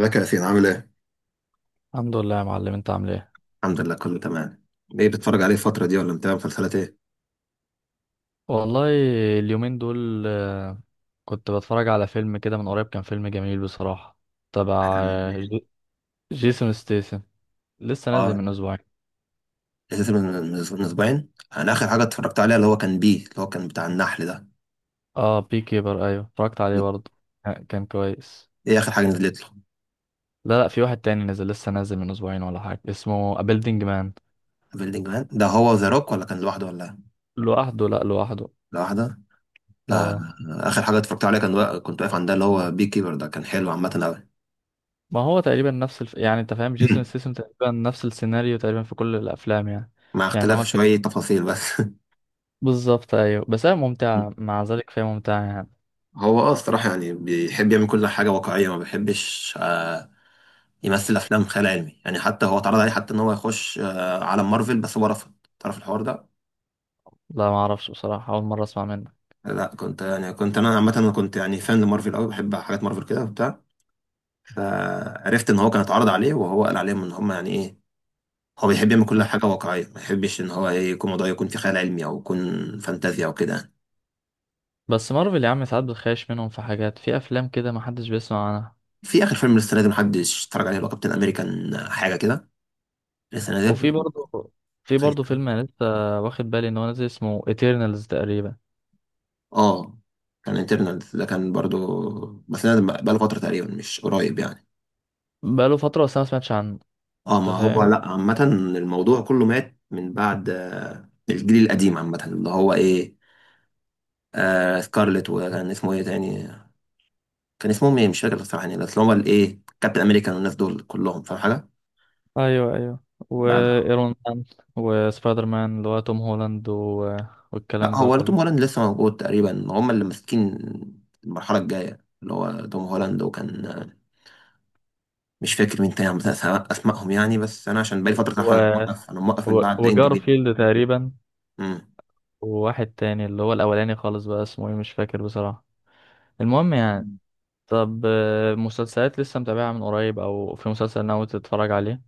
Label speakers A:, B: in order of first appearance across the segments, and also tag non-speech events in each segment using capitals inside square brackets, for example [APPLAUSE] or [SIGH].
A: ازيك يا ياسين عامل ايه؟
B: الحمد لله يا معلم، انت عامل ايه؟
A: الحمد لله كله تمام. ايه بتتفرج عليه الفترة دي ولا متابع مسلسلات ايه؟
B: والله اليومين دول كنت بتفرج على فيلم كده من قريب، كان فيلم جميل بصراحة، تبع
A: كان.
B: جيسون ستيسن. لسه نازل
A: اه
B: من اسبوعين.
A: اساسا من اسبوعين. انا اخر حاجة اتفرجت عليها اللي هو كان بي، اللي هو كان بتاع النحل ده.
B: اه بي كيبر، ايوه اتفرجت عليه
A: دي-
B: برضه، كان كويس.
A: ايه اخر حاجة نزلت له؟
B: لا لا، في واحد تاني نزل، لسه نازل من اسبوعين ولا حاجة، اسمه A Building مان.
A: بيلدينج مان ده هو ذا روك ولا كان لوحده ولا؟
B: لوحده، لا لوحده.
A: لوحده؟ لا.
B: اه.
A: اخر حاجة اتفرجت عليها كان كنت واقف عند ده اللي هو بي كيبر ده، كان حلو عامة قوي.
B: ما هو تقريبا نفس يعني انت فاهم، جيسون
A: [CLEARS THROAT]
B: ستيسن تقريبا نفس السيناريو تقريبا في كل الافلام يعني.
A: مع
B: يعني هو
A: اختلاف
B: الفيلم
A: شوية تفاصيل بس. [LAUGHS]
B: بالظبط، ايوه، بس هي ممتعة مع ذلك، فهي ممتعة يعني.
A: هو الصراحة يعني بيحب يعمل كل حاجة واقعية، ما بيحبش يمثل افلام خيال علمي يعني. حتى هو اتعرض عليه، حتى ان هو يخش عالم مارفل، بس هو رفض. تعرف الحوار ده؟
B: لا، ما اعرفش بصراحة، اول مرة اسمع منك.
A: لا، كنت انا عامه، انا كنت يعني فان لمارفل قوي، بحب حاجات مارفل كده وبتاع. فعرفت ان هو كان اتعرض عليه وهو قال عليهم ان هم يعني ايه، هو بيحب يعمل كل
B: آه.
A: حاجه واقعيه ما يحبش ان هو إيه، يكون موضوع يكون في خيال علمي او يكون فانتازيا او كده يعني.
B: بس مارفل يا عم ساعات بتخيش منهم في حاجات، في افلام كده ما حدش بيسمع عنها.
A: في اخر فيلم لسه نازل محدش اتفرج عليه، اللي هو كابتن امريكان حاجه كده، لسه
B: وفي
A: نازل.
B: برضه في
A: خايف.
B: برضه فيلم انا لسه واخد بالي ان هو نازل اسمه ايترنالز تقريبا.
A: اه، كان انترنال ده كان برضو، بس نازل بقاله فتره تقريبا، مش قريب يعني.
B: بقاله فترة بس انا ما سمعتش عنه،
A: اه،
B: انت
A: ما هو
B: فاهم.
A: لا عامة الموضوع كله مات من بعد الجيل القديم عامة، اللي هو ايه، آه سكارلت، وكان اسمه ايه تاني؟ كان اسمهم ايه مش فاكر الصراحة يعني، بس اللي هو الايه كابتن امريكان والناس دول كلهم، فاهم حاجة؟
B: ايوه ايوه،
A: بعد.
B: وايرون مان وسبايدر مان اللي هو توم هولاند و...
A: لا
B: والكلام ده
A: هو ولا توم
B: كله.
A: هولاند لسه موجود تقريبا، هم اللي ماسكين المرحلة الجاية، اللي هو توم هولاند وكان مش فاكر مين تاني مثلا، اسمائهم يعني، بس انا عشان بقالي فترة
B: و...
A: صراحة، انا موقف من بعد اند جيم.
B: وجارفيلد تقريبا، وواحد تاني اللي هو الاولاني خالص، بقى اسمه ايه مش فاكر بصراحة، المهم يعني.
A: مم.
B: طب مسلسلات لسه متابعها من قريب، او في مسلسل ناوي تتفرج عليه؟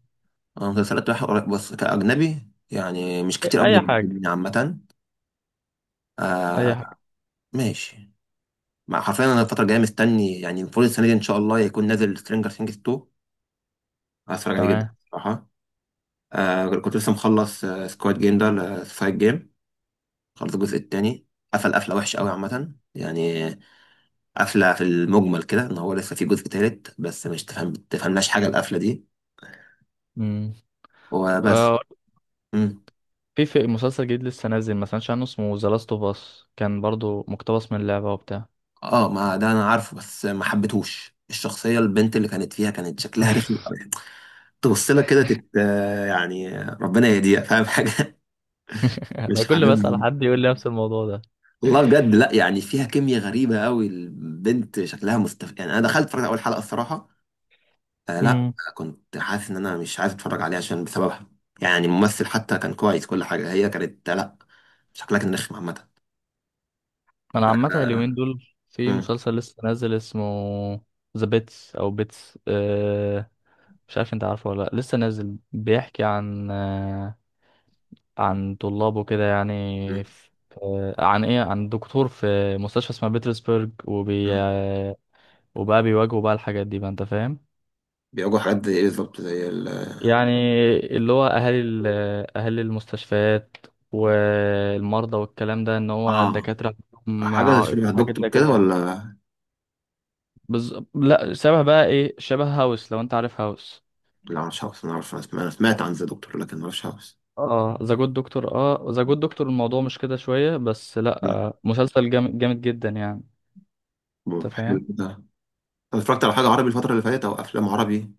A: أنا مسلسلات رايحة قريب بس كأجنبي يعني، مش
B: اي،
A: كتير قوي اللي
B: حاجه،
A: بيعجبني عامة.
B: اي
A: آه.
B: حاجه.
A: ماشي. مع حرفيا، أنا الفترة الجاية مستني يعني، المفروض السنة دي إن شاء الله يكون نازل سترينجر ثينجز 2. هتفرج عليه جدا
B: تمام.
A: صراحة. آه، كنت لسه مخلص آه سكواد جيم ده، سكواد جيم خلص الجزء التاني. قفل قفلة وحشة قوي عامة يعني، قفلة في المجمل كده إن هو لسه في جزء تالت، بس مش تفهمناش حاجة القفلة دي.
B: امم.
A: وبس.
B: آه، في مسلسل جديد لسه نازل، ما سمعتش عنه، اسمه ذا لاست اوف اس، كان برضو مقتبس من لعبه وبتاع.
A: اه، ما ده انا عارفه، بس ما حبيتهوش الشخصيه البنت اللي كانت فيها، كانت شكلها رخم قوي. تبص لها كده تت يعني ربنا يهديها، فاهم حاجه.
B: [LAUGHS]
A: [LAUGHS]
B: انا
A: مش
B: كل ما اسال
A: حاببها.
B: حد يقول لي نفس الموضوع ده.
A: والله بجد لا يعني، فيها كيمياء غريبه قوي البنت، شكلها مستف يعني. انا دخلت اتفرجت على اول حلقه الصراحه، آه لا،
B: امم.
A: كنت حاسس ان انا مش عايز اتفرج عليها عشان بسببها يعني. الممثل حتى كان كويس، كل حاجه، هي كانت لا، شكلها كان رخم عامه.
B: انا عامه
A: آه،
B: اليومين دول في
A: مم،
B: مسلسل لسه نازل، اسمه ذا بيتس او بيتس. مش عارف انت عارفه ولا لا، لسه نازل، بيحكي عن عن طلابه كده
A: مم،
B: يعني، في عن ايه، عن دكتور في مستشفى اسمها بيترسبرج
A: مم.
B: وبقى بيواجهوا بقى الحاجات دي بقى، انت فاهم.
A: بيواجهوا حاجات زي ايه بالظبط؟ زي ال،
B: يعني اللي هو اهالي اهالي المستشفيات والمرضى والكلام ده، ان هو
A: اه،
B: الدكاترة عندهم
A: حاجة
B: عائق
A: شبه
B: وحاجات
A: دكتور
B: زي كده
A: كده
B: يعني.
A: ولا؟
B: لا، شبه بقى ايه، شبه هاوس لو انت عارف هاوس.
A: لا مش عارف، أنا عارف، أنا سمعت عن ذا دكتور، لكن ما أعرفش هاوس.
B: اه ذا جود دكتور، اه ذا جود دكتور. الموضوع مش كده شوية بس، لا
A: مم.
B: مسلسل جامد جامد جدا يعني،
A: طب
B: انت
A: حلو
B: فاهم.
A: ده. أنا اتفرجت على حاجة عربي الفترة اللي فاتت، أو أفلام عربي،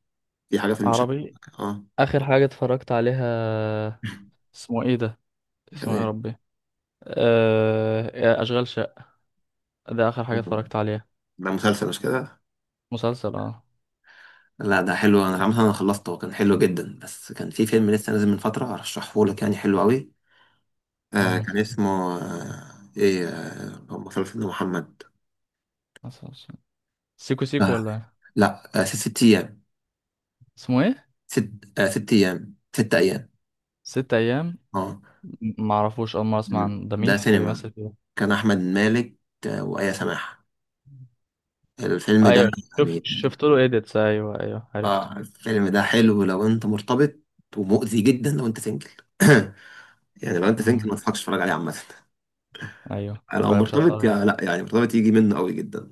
A: في حاجة في المشاهد.
B: عربي.
A: أه.
B: اخر حاجه اتفرجت عليها، اسمه ايه ده،
A: كان
B: اسمه ايه يا
A: إيه.
B: ربي؟ اشغال شقه، ده اخر حاجه
A: مم.
B: اتفرجت عليها.
A: ده مسلسل مش كده؟
B: مسلسل، اه.
A: لا ده حلو، أنا مثلا أنا خلصته، كان حلو جدا. بس كان في فيلم لسه نازل من فترة أرشحه لك، يعني حلو أوي. آه،
B: مم.
A: كان اسمه آه إيه، آه مسلسل محمد،
B: مسلسل سيكو سيكو
A: آه
B: ولا إيه؟
A: لا، آه ست ست أيام،
B: اسمه ايه،
A: ست، آه ست أيام، ست أيام.
B: ست ايام.
A: أه.
B: معرفوش، اول مره اسمع
A: مم.
B: عن ده، مين
A: ده
B: اللي
A: سينما.
B: بيمثل فيه؟
A: كان أحمد مالك، وآية سماحة، الفيلم ده،
B: ايوه، شفت
A: يعني.
B: شفت له ايديتس، ايوه ايوه عرفته.
A: اه الفيلم ده حلو لو انت مرتبط، ومؤذي جدا لو انت سنجل. [COUGHS] [CLEARS THROAT] يعني لو انت سنجل
B: مم.
A: ما تضحكش تتفرج عليه عامة.
B: ايوه،
A: لو
B: يبقى مش
A: مرتبط
B: هتفرج
A: يا لا
B: عليه.
A: يعني، مرتبط يجي منه قوي جدا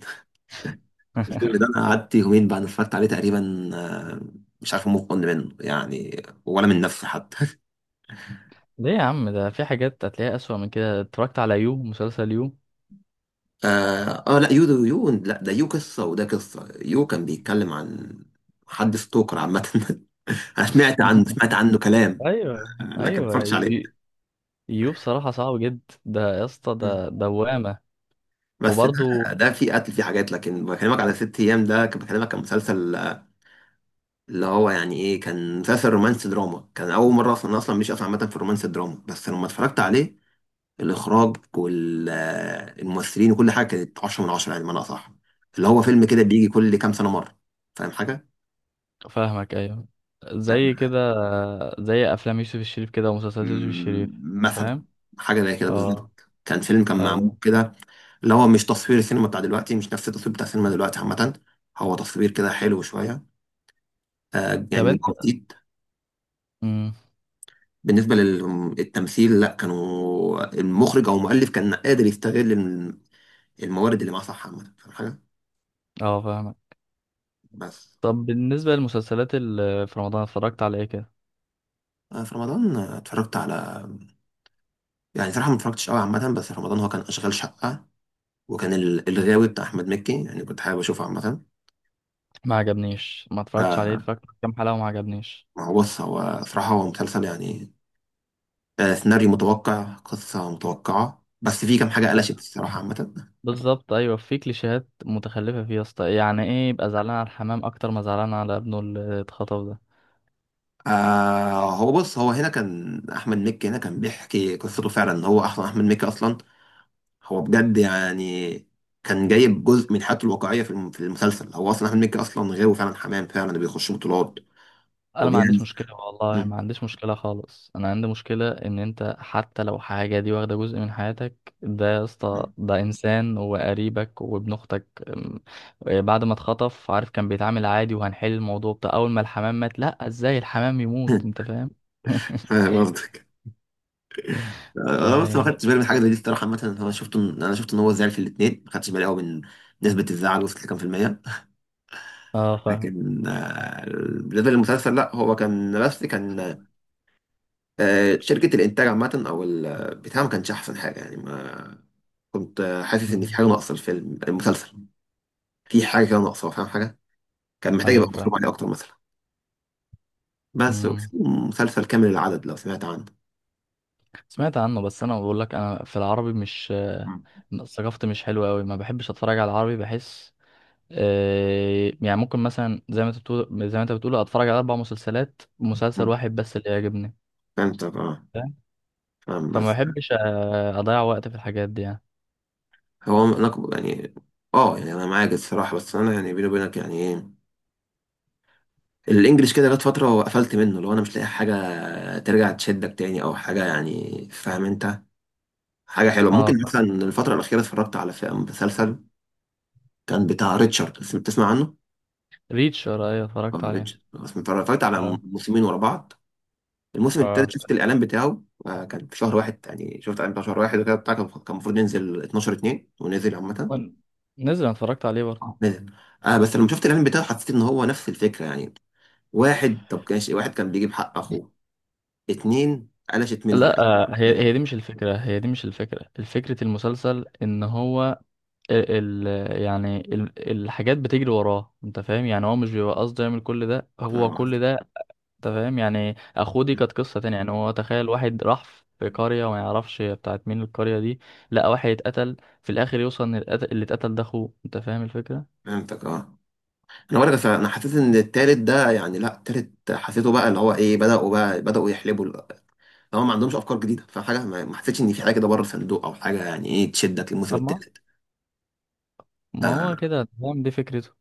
A: الفيلم ده.
B: [LAUGHS]
A: انا قعدت يومين بعد ما اتفرجت عليه تقريبا، مش عارف مطمن منه يعني ولا من نفسي حتى.
B: ليه يا عم، ده في حاجات هتلاقيها اسوأ من كده، اتفرجت على يو، مسلسل يو.
A: اه، لا، يو ده، يو لا ده يو قصة، وده قصة يو كان بيتكلم عن حد ستوكر عامة. [LAUGHS] انا سمعت عنه،
B: [LAUGHS]
A: سمعت عنه كلام،
B: ايوه
A: لكن ما
B: ايوه.
A: اتفرجتش عليه.
B: يو بصراحة صعب جدا، ده يا اسطى
A: مم.
B: ده دوامة.
A: بس ده،
B: وبرضه.
A: ده في قتل في حاجات، لكن بكلمك على ست ايام ده، كان بكلمك كان مسلسل اللي هو يعني ايه، كان مسلسل رومانسي دراما. كان اول مره اصلا، أنا اصلا مش اصلا عامه في الرومانسي دراما، بس لما اتفرجت عليه الاخراج والممثلين وكل حاجه كانت 10 من 10 يعني، بمعنى اصح، اللي هو فيلم كده بيجي كل كام سنه مره، فاهم حاجه؟
B: فاهمك، أيوه،
A: لا.
B: زي كده، زي أفلام يوسف الشريف كده ومسلسلات يوسف الشريف،
A: مم،
B: أنت
A: مثلا.
B: فاهم؟
A: حاجه زي كده
B: اه.
A: بالظبط، كان فيلم كان معمول
B: أيوه.
A: كده، اللي هو مش تصوير السينما بتاع دلوقتي، مش نفس التصوير بتاع السينما دلوقتي عامه، هو تصوير كده حلو شويه،
B: طب
A: يعني
B: أنت.
A: جديد.
B: مم.
A: بالنسبة للتمثيل لا، كانوا المخرج أو المؤلف كان قادر يستغل الموارد اللي معاه صح عامة، فاهم حاجة.
B: اه فاهمك.
A: بس.
B: طب بالنسبة للمسلسلات اللي في رمضان، اتفرجت على إيه كده؟
A: في رمضان اتفرجت على، يعني صراحة ما اتفرجتش قوي عامة، بس في رمضان هو كان أشغال شقة، وكان الغاوي بتاع أحمد مكي، يعني كنت حابب أشوفه عامة.
B: ما عجبنيش، ما اتفرجتش عليه،
A: آه،
B: اتفرجت على كام حلقة وما عجبنيش.
A: ما هو بص، هو صراحة هو مسلسل يعني سيناريو متوقع، قصة متوقعة، بس في كام حاجة قلشت الصراحة عامة.
B: بالظبط أيوه، في كليشيهات متخلفة فيه يا اسطى. يعني إيه يبقى زعلان على الحمام أكتر ما زعلان على ابنه اللي اتخطف ده؟
A: آه، هو بص هو هنا كان احمد مكي، هنا كان بيحكي قصته فعلا، ان هو اصلا احمد مكي اصلا هو بجد يعني. كان جايب جزء من حياته الواقعيه في في المسلسل، هو اصلا احمد مكي اصلا غيره فعلا، حمام فعلا، بيخش بطولات
B: انا ما
A: وبيعمل.
B: عنديش مشكله والله،
A: مم.
B: ما عنديش مشكله خالص. انا عندي مشكله ان انت حتى لو حاجه دي واخده جزء من حياتك، ده يا اسطى
A: مم.
B: ده انسان وقريبك وابن اختك. بعد ما اتخطف، عارف كان بيتعامل عادي وهنحل الموضوع بتاع، اول ما الحمام مات، لا ازاي الحمام يموت، انت
A: [LAUGHS]
B: فاهم. [LAUGHS]
A: فاهم قصدك. انا بس ما
B: يعني
A: خدتش بالي من حاجه زي دي الصراحه عامه، انا شفت ان، هو زعل في الاثنين، ما خدتش بالي قوي من نسبه الزعل وصلت لكام في الميه.
B: اه فاهم.
A: لكن بالنسبه للمسلسل لا، هو كان بس كان شركة الإنتاج عامة أو البتاع ما كانش أحسن حاجة يعني. ما كنت حاسس إن في
B: مم.
A: حاجة ناقصة الفيلم المسلسل، في حاجة كده ناقصة فاهم حاجة، كان محتاج
B: ايوه
A: يبقى
B: فاهم.
A: مطلوب عليه أكتر مثلا. بس. وفي
B: مم.
A: مسلسل كامل العدد لو سمعت عنه.
B: سمعت عنه، بس انا بقول لك انا في العربي مش
A: مم.
B: ثقافتي مش حلوه قوي، ما بحبش اتفرج على العربي، بحس يعني ممكن مثلا زي ما انت بتقول، اتفرج على 4 مسلسلات، مسلسل
A: مم.
B: واحد بس اللي يعجبني،
A: فهمت اه.
B: فاهم.
A: فاهم
B: فما
A: بس.
B: بحبش اضيع وقت في الحاجات دي يعني.
A: هو أنا يعني، اه يعني أنا معاك الصراحة، بس أنا يعني بيني وبينك يعني إيه، الإنجليش كده جت فترة وقفلت منه، لو أنا مش لاقي حاجة ترجع تشدك تاني أو حاجة يعني، فاهم أنت. حاجة حلوة
B: اه
A: ممكن مثلا الفترة الأخيرة اتفرجت على مسلسل كان بتاع ريتشارد، تسمع عنه؟
B: ريتشر، ايوه اتفرجت
A: اه
B: عليه.
A: ريتشارد اتفرجت على
B: اه.
A: موسمين ورا بعض. الموسم
B: اه
A: التالت شفت الاعلان بتاعه كان في شهر واحد يعني، شفت الاعلان بتاع شهر واحد وكده بتاع، كان المفروض ينزل 12 2 ونزل عامة.
B: وال- نزل، أنا اتفرجت عليه برضه.
A: نزل. آه بس لما شفت الاعلان بتاعه حسيت ان هو نفس الفكرة يعني، واحد، طب كانش واحد كان بيجيب حق اخوه، اتنين قلشت منهم
B: لا هي
A: يعني.
B: هي دي مش الفكرة، هي دي مش الفكرة. فكرة المسلسل ان هو الحاجات بتجري وراه، انت فاهم، يعني هو مش بيبقى قصده يعمل كل ده، هو
A: آه،
B: كل ده انت فاهم، يعني اخوه دي كانت قصه تانية. يعني هو تخيل، واحد راح في قريه وما يعرفش هي بتاعت مين القريه دي، لقى واحد اتقتل، في الاخر يوصل ان اللي اتقتل ده اخوه، انت فاهم الفكره.
A: فهمتك اه. انا بقولك انا حسيت ان التالت ده يعني، لا التالت حسيته بقى اللي هو ايه، بدأوا بقى، يحلبوا. هما ما عندهمش افكار جديده، فحاجه ما حسيتش ان في حاجه كده بره الصندوق او حاجه، يعني ايه تشدك للموسم
B: طب ما
A: الثالث.
B: ما هو
A: اه،
B: كده انت فاهم، دي فكرته.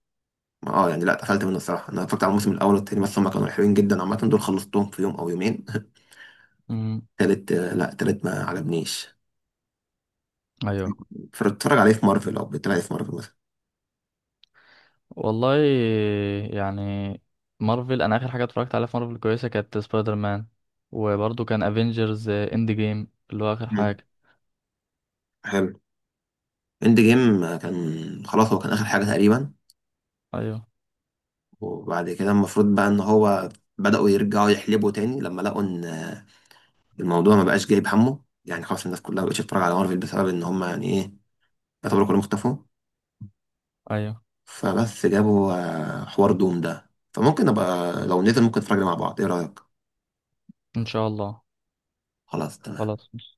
A: يعني لا، اتقفلت منه الصراحه. انا اتفرجت على الموسم الاول والثاني بس، هما كانوا حلوين جدا عامه، دول خلصتهم في يوم او يومين.
B: امم.
A: [LAUGHS] الثالث لا الثالث ما عجبنيش.
B: ايوه.
A: فاتفرج عليه في مارفل او بتتفرج عليه في مارفل مثلا؟
B: والله يعني، مارفل انا اخر حاجه اتفرجت عليها في مارفل كويسه كانت سبايدر مان، وبرضه كان افنجرز اند جيم اللي هو اخر
A: مم.
B: حاجه.
A: حلو. اند جيم كان، خلاص هو كان اخر حاجه تقريبا.
B: ايوه
A: وبعد كده المفروض بقى ان هو بداوا يرجعوا يحلبوا تاني، لما لقوا ان الموضوع ما بقاش جايب همه يعني. خلاص الناس كلها ما بقتش تتفرج على مارفل بسبب ان هما يعني ايه، يعتبروا كلهم اختفوا.
B: ايوه.
A: فبس جابوا حوار دوم ده، فممكن ابقى لو نزل ممكن نتفرج عليه مع بعض، ايه رأيك؟
B: ان شاء الله.
A: خلاص تمام.
B: خلاص.